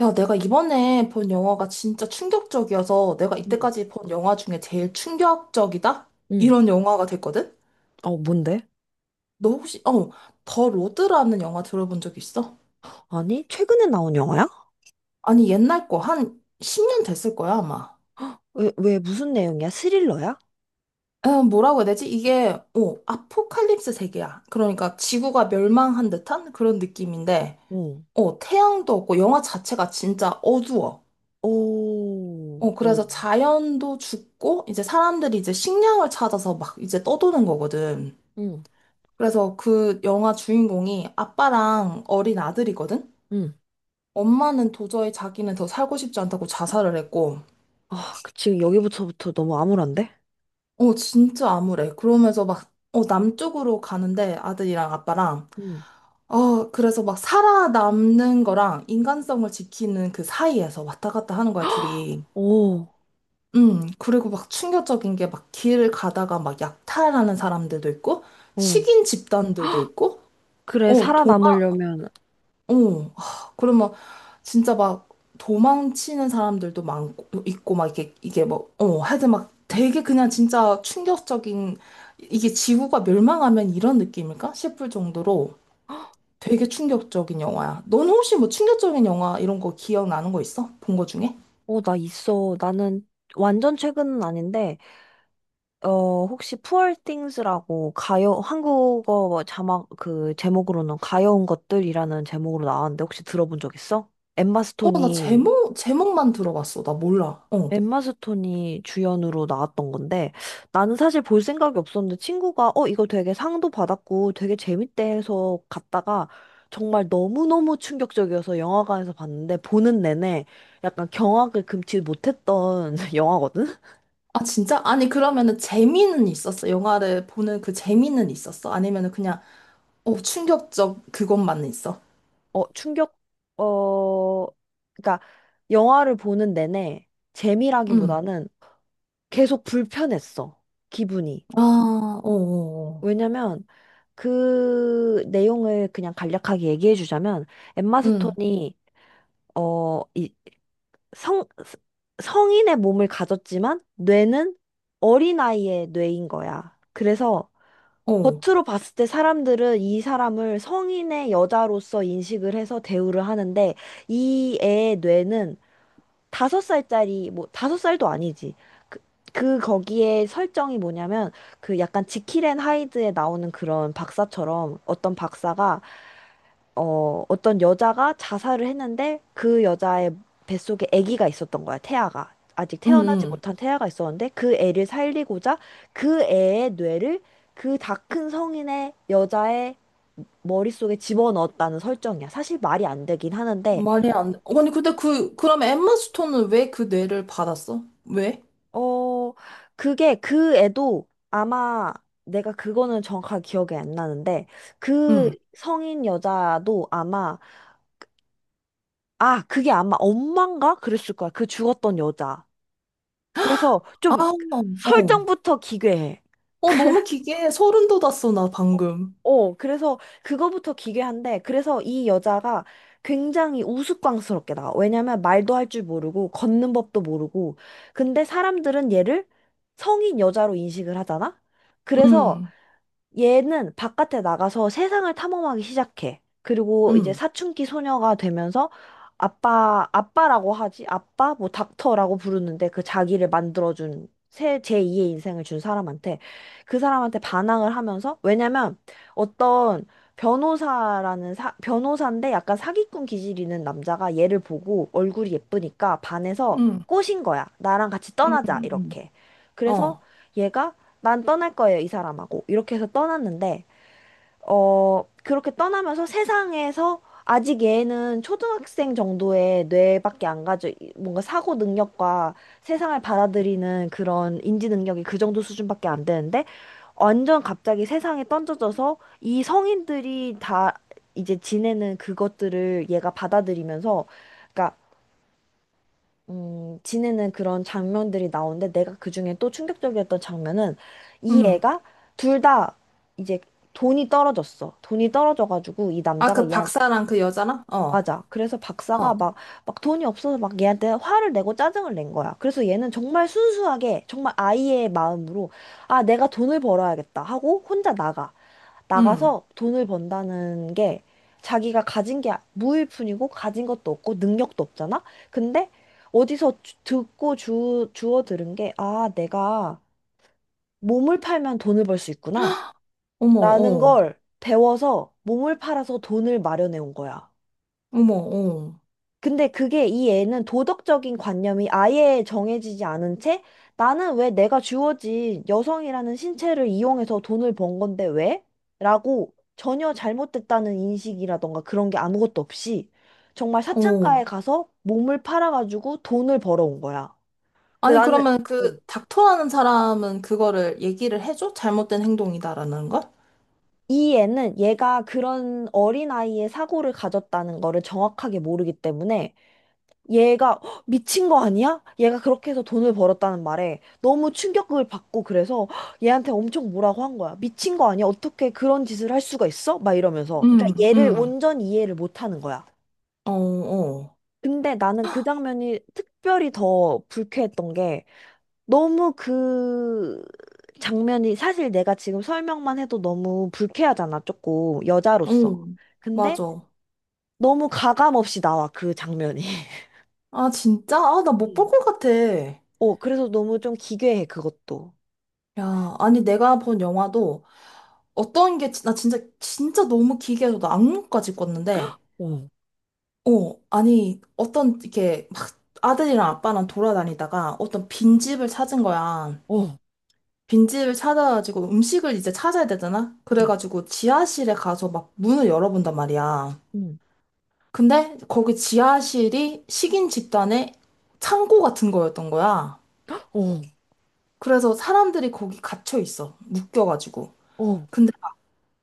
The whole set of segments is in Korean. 야, 내가 이번에 본 영화가 진짜 충격적이어서 내가 응, 이때까지 본 영화 중에 제일 충격적이다? 응, 이런 영화가 됐거든? 어, 뭔데? 너 혹시, 더 로드라는 영화 들어본 적 있어? 아니, 최근에 나온 영화야? 아니, 옛날 거, 한 10년 됐을 거야, 아마. 왜 무슨 내용이야? 스릴러야? 어, 뭐라고 해야 되지? 이게, 아포칼립스 세계야. 그러니까 지구가 멸망한 듯한 그런 느낌인데, 응. 태양도 없고 영화 자체가 진짜 어두워. 오, 어, 오, 그래서 자연도 죽고, 이제 사람들이 이제 식량을 찾아서 막 이제 떠도는 거거든. 응, 그래서 그 영화 주인공이 아빠랑 어린 아들이거든? 응. 엄마는 도저히 자기는 더 살고 싶지 않다고 자살을 했고, 아, 지금 여기부터부터 너무 암울한데? 어, 진짜 암울해. 그러면서 막, 남쪽으로 가는데 아들이랑 아빠랑, 응. 어, 그래서 막 살아남는 거랑 인간성을 지키는 그 사이에서 왔다 갔다 하는 거야, 둘이. 오, 그리고 막 충격적인 게 막 길을 가다가 막 약탈하는 사람들도 있고, 어. 식인 집단들도 있고, 그래, 어, 살아남으려면, 그러면 진짜 막 도망치는 사람들도 많고 있고 막 이게 뭐 어, 하여튼 막 되게 그냥 진짜 충격적인 이게 지구가 멸망하면 이런 느낌일까 싶을 정도로 되게 충격적인 영화야. 넌 혹시 뭐 충격적인 영화 이런 거 기억나는 거 있어? 본 거 중에? 나 있어. 나는 완전 최근은 아닌데, 혹시 Poor Things라고 가요, 한국어 자막, 제목으로는 가여운 것들이라는 제목으로 나왔는데, 혹시 들어본 적 있어? 엠마 어, 나 스톤이 제목만 들어봤어. 나 몰라. 어. 엠마 스톤이 주연으로 나왔던 건데 나는 사실 볼 생각이 없었는데 친구가 이거 되게 상도 받았고 되게 재밌대 해서 갔다가 정말 너무너무 충격적이어서 영화관에서 봤는데 보는 내내 약간 경악을 금치 못했던 영화거든? 아, 진짜? 아니, 그러면은 재미는 있었어? 영화를 보는 그 재미는 있었어? 아니면은 그냥 충격적 그것만 있어? 어 충격 어 그러니까 영화를 보는 내내 음. 재미라기보다는 계속 불편했어, 기분이. 아, 어, 어, 왜냐면 그 내용을 그냥 간략하게 얘기해 주자면 엠마 응, 스톤이 이 성, 성인의 몸을 가졌지만 뇌는 어린아이의 뇌인 거야. 그래서 어, 겉으로 봤을 때 사람들은 이 사람을 성인의 여자로서 인식을 해서 대우를 하는데 이 애의 뇌는 다섯 살짜리 뭐 다섯 살도 아니지. 그, 그 거기에 설정이 뭐냐면 그 약간 지킬 앤 하이드에 나오는 그런 박사처럼 어떤 박사가 어떤 여자가 자살을 했는데 그 여자의 뱃속에 아기가 있었던 거야, 태아가. 아직 응, 태어나지 응. 못한 태아가 있었는데 그 애를 살리고자 그 애의 뇌를 그 다 큰 성인의 여자의 머릿속에 집어넣었다는 설정이야. 사실 말이 안 되긴 하는데, 말이 안 돼. 아니, 근데 그, 그럼 엠마 스톤은 왜 그 뇌를 받았어? 왜? 어, 그게 그 애도 아마 내가 그거는 정확하게 기억이 안 나는데 그 응. 성인 여자도 아마, 아, 그게 아마 엄마인가 그랬을 거야. 그 죽었던 여자. 그래서 아, 좀 어. 설정부터 기괴해. 어, 너무 기괴해. 소름 돋았어, 나 어, 방금. 그래서 그거부터 기괴한데, 그래서 이 여자가 굉장히 우스꽝스럽게 나와. 왜냐면 말도 할 줄 모르고, 걷는 법도 모르고. 근데 사람들은 얘를 성인 여자로 인식을 하잖아? 그래서 응, 얘는 바깥에 나가서 세상을 탐험하기 시작해. 그리고 이제 응, 사춘기 소녀가 되면서 아빠, 아빠라고 하지? 아빠? 뭐 닥터라고 부르는데 그 자기를 만들어준 제2의 인생을 준 사람한테, 그 사람한테 반항을 하면서. 왜냐면 어떤 변호사라는 변호사인데 약간 사기꾼 기질 있는 남자가 얘를 보고 얼굴이 예쁘니까 반해서 응, 꼬신 거야. 나랑 같이 응, 떠나자, 응. 이렇게. 그래서 어, 얘가 난 떠날 거예요, 이 사람하고. 이렇게 해서 떠났는데, 그렇게 떠나면서 세상에서 아직 얘는 초등학생 정도의 뇌밖에 안 가져, 뭔가 사고 능력과 세상을 받아들이는 그런 인지 능력이 그 정도 수준밖에 안 되는데, 완전 갑자기 세상에 던져져서 이 성인들이 다 이제 지내는 그것들을 얘가 받아들이면서, 그러니까 지내는 그런 장면들이 나오는데, 내가 그중에 또 충격적이었던 장면은 이 응. 애가 둘 다 이제 돈이 떨어졌어. 돈이 떨어져가지고 이 아, 남자가 그 얘한테. 박사랑 그 여자랑? 어, 어, 맞아. 그래서 박사가 막, 돈이 없어서 막 얘한테 화를 내고 짜증을 낸 거야. 그래서 얘는 정말 순수하게 정말 아이의 마음으로, 아, 내가 돈을 벌어야겠다 하고 혼자 나가. 응. 나가서 돈을 번다는 게 자기가 가진 게 무일 뿐이고 가진 것도 없고 능력도 없잖아? 근데 어디서 주워 들은 게, 아, 내가 몸을 팔면 돈을 벌 수 있구나 어머, 라는 어, 걸 배워서 몸을 팔아서 돈을 마련해 온 거야. 어머, 어, 근데 그게, 이 애는 도덕적인 관념이 아예 정해지지 않은 채 나는 왜 내가 주어진 여성이라는 신체를 이용해서 돈을 번 건데 왜? 라고, 전혀 잘못됐다는 인식이라던가 그런 게 아무것도 없이 정말 어. 사창가에 가서 몸을 팔아가지고 돈을 벌어온 거야. 근데 아니, 나는, 그러면 어, 그 닥터라는 사람은 그거를 얘기를 해줘? 잘못된 행동이다라는 걸? 이 애는 얘가 그런 어린아이의 사고를 가졌다는 거를 정확하게 모르기 때문에, 얘가 "헉, 미친 거 아니야? 얘가 그렇게 해서 돈을 벌었다는 말에 너무 충격을 받고 그래서 "헉," 얘한테 엄청 뭐라고 한 거야. 미친 거 아니야? 어떻게 그런 짓을 할 수가 있어? 막 이러면서. 그러니까 응, 얘를 응, 온전히 이해를 못 하는 거야. 어, 어, 근데 나는 그 장면이 특별히 더 불쾌했던 게, 너무 그 장면이, 사실 내가 지금 설명만 해도 너무 불쾌하잖아, 조금 여자로서. 응, 근데 맞아. 너무 가감 없이 나와, 그 장면이. 아, 진짜? 아, 나 못 볼 것 같아. 그래서 너무 좀 기괴해, 그것도. 야, 아니, 내가 본 영화도 어떤 게, 나 진짜, 진짜 너무 기괴해서 나 악몽까지 꿨는데, 어, 아니, 어떤, 이렇게 막 아들이랑 아빠랑 돌아다니다가 어떤 빈집을 찾은 거야. 어, 빈집을 찾아가지고 음식을 이제 찾아야 되잖아? 음. 그래가지고 지하실에 가서 막 문을 열어본단 말이야. 음. 근데 거기 지하실이 식인 집단의 창고 같은 거였던 거야. 어, 그래서 사람들이 거기 갇혀 있어. 묶여가지고. 어. 근데,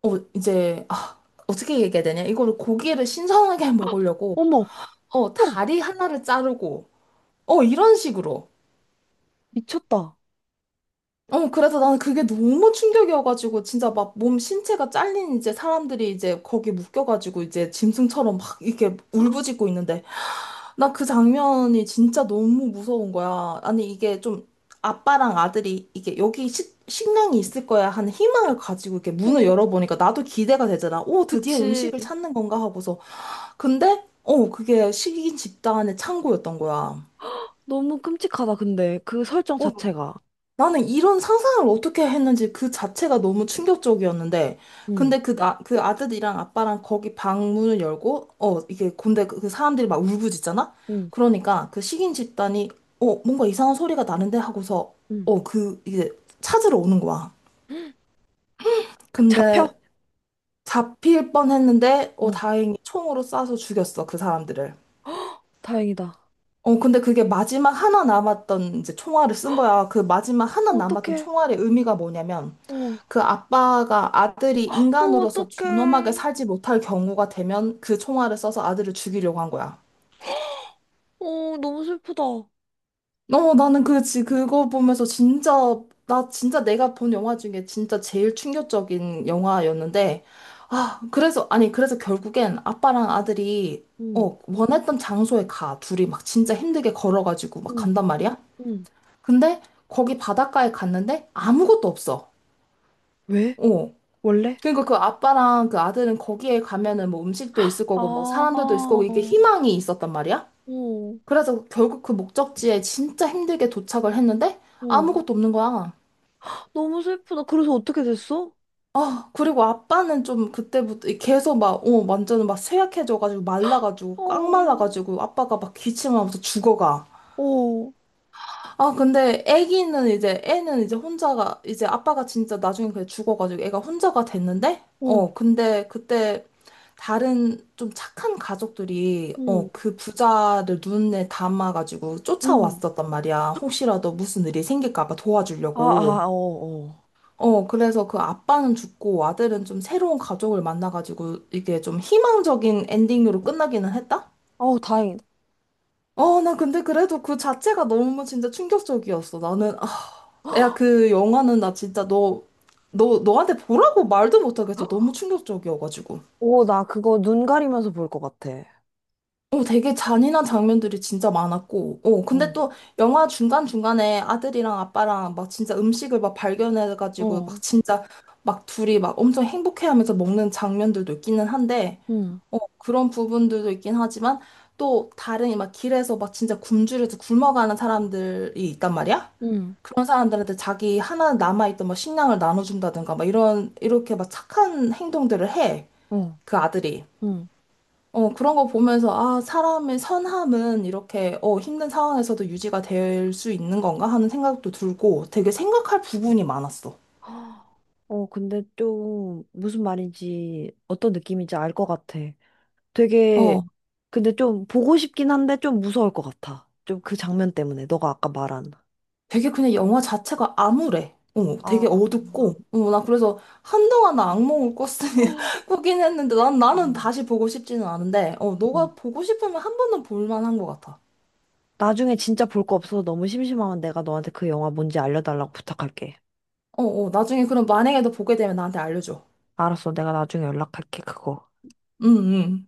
어, 이제, 아, 어떻게 얘기해야 되냐. 이거를 고기를 신선하게 먹으려고, 어머, 어, 다리 하나를 자르고, 어, 이런 식으로. 미쳤다. 어, 그래서 나는 그게 너무 충격이어가지고, 진짜 막 몸 신체가 잘린 이제 사람들이 이제 거기 묶여가지고, 이제 짐승처럼 막 이렇게 울부짖고 있는데, 나 그 장면이 진짜 너무 무서운 거야. 아니, 이게 좀 아빠랑 아들이 이게 여기 식량이 있을 거야 하는 희망을 가지고 이렇게 문을 어, 열어보니까 나도 기대가 되잖아. 오, 드디어 그치. 음식을 찾는 건가 하고서. 근데, 그게 식인 집단의 창고였던 거야. 너무 끔찍하다, 근데. 그 설정 어, 자체가. 나는 이런 상상을 어떻게 했는지 그 자체가 너무 충격적이었는데, 근데 응, 그 아들이랑 아빠랑 거기 방 문을 열고, 근데 그, 그 사람들이 막 울부짖잖아? 응, 그러니까 그 식인 집단이, 뭔가 이상한 소리가 나는데 하고서, 응, 이게 찾으러 오는 거야. 잡혀? 근데 잡힐 뻔 했는데, 어, 어, 다행히 총으로 쏴서 죽였어, 그 사람들을. 다행이다. 어, 근데 그게 마지막 하나 남았던 이제 총알을 쓴 거야. 그 마지막 하나 남았던 어떡해. 총알의 의미가 뭐냐면, 어, 그 아빠가 아들이 어, 인간으로서 존엄하게 어떡해. 살지 못할 경우가 되면 그 총알을 써서 아들을 죽이려고 한 거야. 어, 너무 슬프다. 나는 그거 보면서 진짜, 나 진짜 내가 본 영화 중에 진짜 제일 충격적인 영화였는데, 아, 그래서, 아니, 그래서 결국엔 아빠랑 아들이, 응, 원했던 장소에 가. 둘이 막 진짜 힘들게 걸어가지고 막 응, 간단 말이야? 응, 근데 거기 바닷가에 갔는데 아무것도 없어. 왜? 어, 원래? 그러니까 그 아빠랑 그 아들은 거기에 가면은 뭐 음식도 있을 아, 거고 뭐 사람들도 있을 어, 거고 이게 희망이 있었단 말이야. 그래서 결국 그 목적지에 진짜 힘들게 도착을 했는데 어. 아무것도 없는 거야. 너무 슬프다. 그래서 어떻게 됐어? 아, 그리고 아빠는 좀 그때부터 계속 막, 완전 막 쇠약해져가지고 말라가지고 꽉 어, 말라가지고 아빠가 막 기침하면서 죽어가. 어. 아, 근데 애기는 이제, 애는 이제 혼자가, 이제 아빠가 진짜 나중에 그냥 죽어가지고 애가 혼자가 됐는데, 응, 어, 근데 그때 다른 좀 착한 가족들이, 응, 그 부자를 눈에 담아가지고 응. 쫓아왔었단 말이야. 혹시라도 무슨 일이 생길까봐 아, 도와주려고. 아, 어, 어. 어, 그래서 그 아빠는 죽고 아들은 좀 새로운 가족을 만나가지고 이게 좀 희망적인 엔딩으로 끝나기는 했다? 어우, 다행이다. 어, 나 근데 그래도 그 자체가 너무 진짜 충격적이었어. 나는, 아, 야, 그 영화는 나 진짜 너한테 보라고 말도 못하겠어. 너무 충격적이어가지고. 오, 나 그거 눈 가리면서 볼 것 같아. 어, 되게 잔인한 장면들이 진짜 많았고. 어, 근데 응, 또 영화 중간중간에 아들이랑 아빠랑 막 진짜 음식을 막 발견해가지고 어, 막 진짜 막 둘이 막 엄청 행복해하면서 먹는 장면들도 있기는 한데, 응, 어, 그런 부분들도 있긴 하지만 또 다른 막 길에서 막 진짜 굶주려서 굶어가는 사람들이 있단 말이야? 응, 그런 사람들한테 자기 하나 남아있던 뭐 식량을 나눠준다든가 막 이런 이렇게 막 착한 행동들을 해. 어, 그 아들이. 응. 어, 그런 거 보면서 아, 사람의 선함은 이렇게 어, 힘든 상황에서도 유지가 될 수 있는 건가 하는 생각도 들고 되게 생각할 부분이 많았어. 헉, 어, 근데 좀 무슨 말인지 어떤 느낌인지 알 것 같아. 되게, 어, 근데 좀 보고 싶긴 한데 좀 무서울 것 같아. 좀 그 장면 때문에, 너가 아까 말한. 되게 그냥 영화 자체가 암울해. 어, 되게 아, 어둡고, 어, 나 그래서 한동안 나 악몽을 꿨으니, 꾸긴 했는데, 나는 음, 다시 보고 싶지는 않은데, 어, 음. 너가 보고 싶으면 한 번은 볼만한 것 같아. 나중에 진짜 볼 거 없어서 너무 심심하면 내가 너한테 그 영화 뭔지 알려달라고 부탁할게. 어, 어, 나중에 그럼 만약에 너 보게 되면 나한테 알려줘. 알았어. 내가 나중에 연락할게, 그거. 응, 응.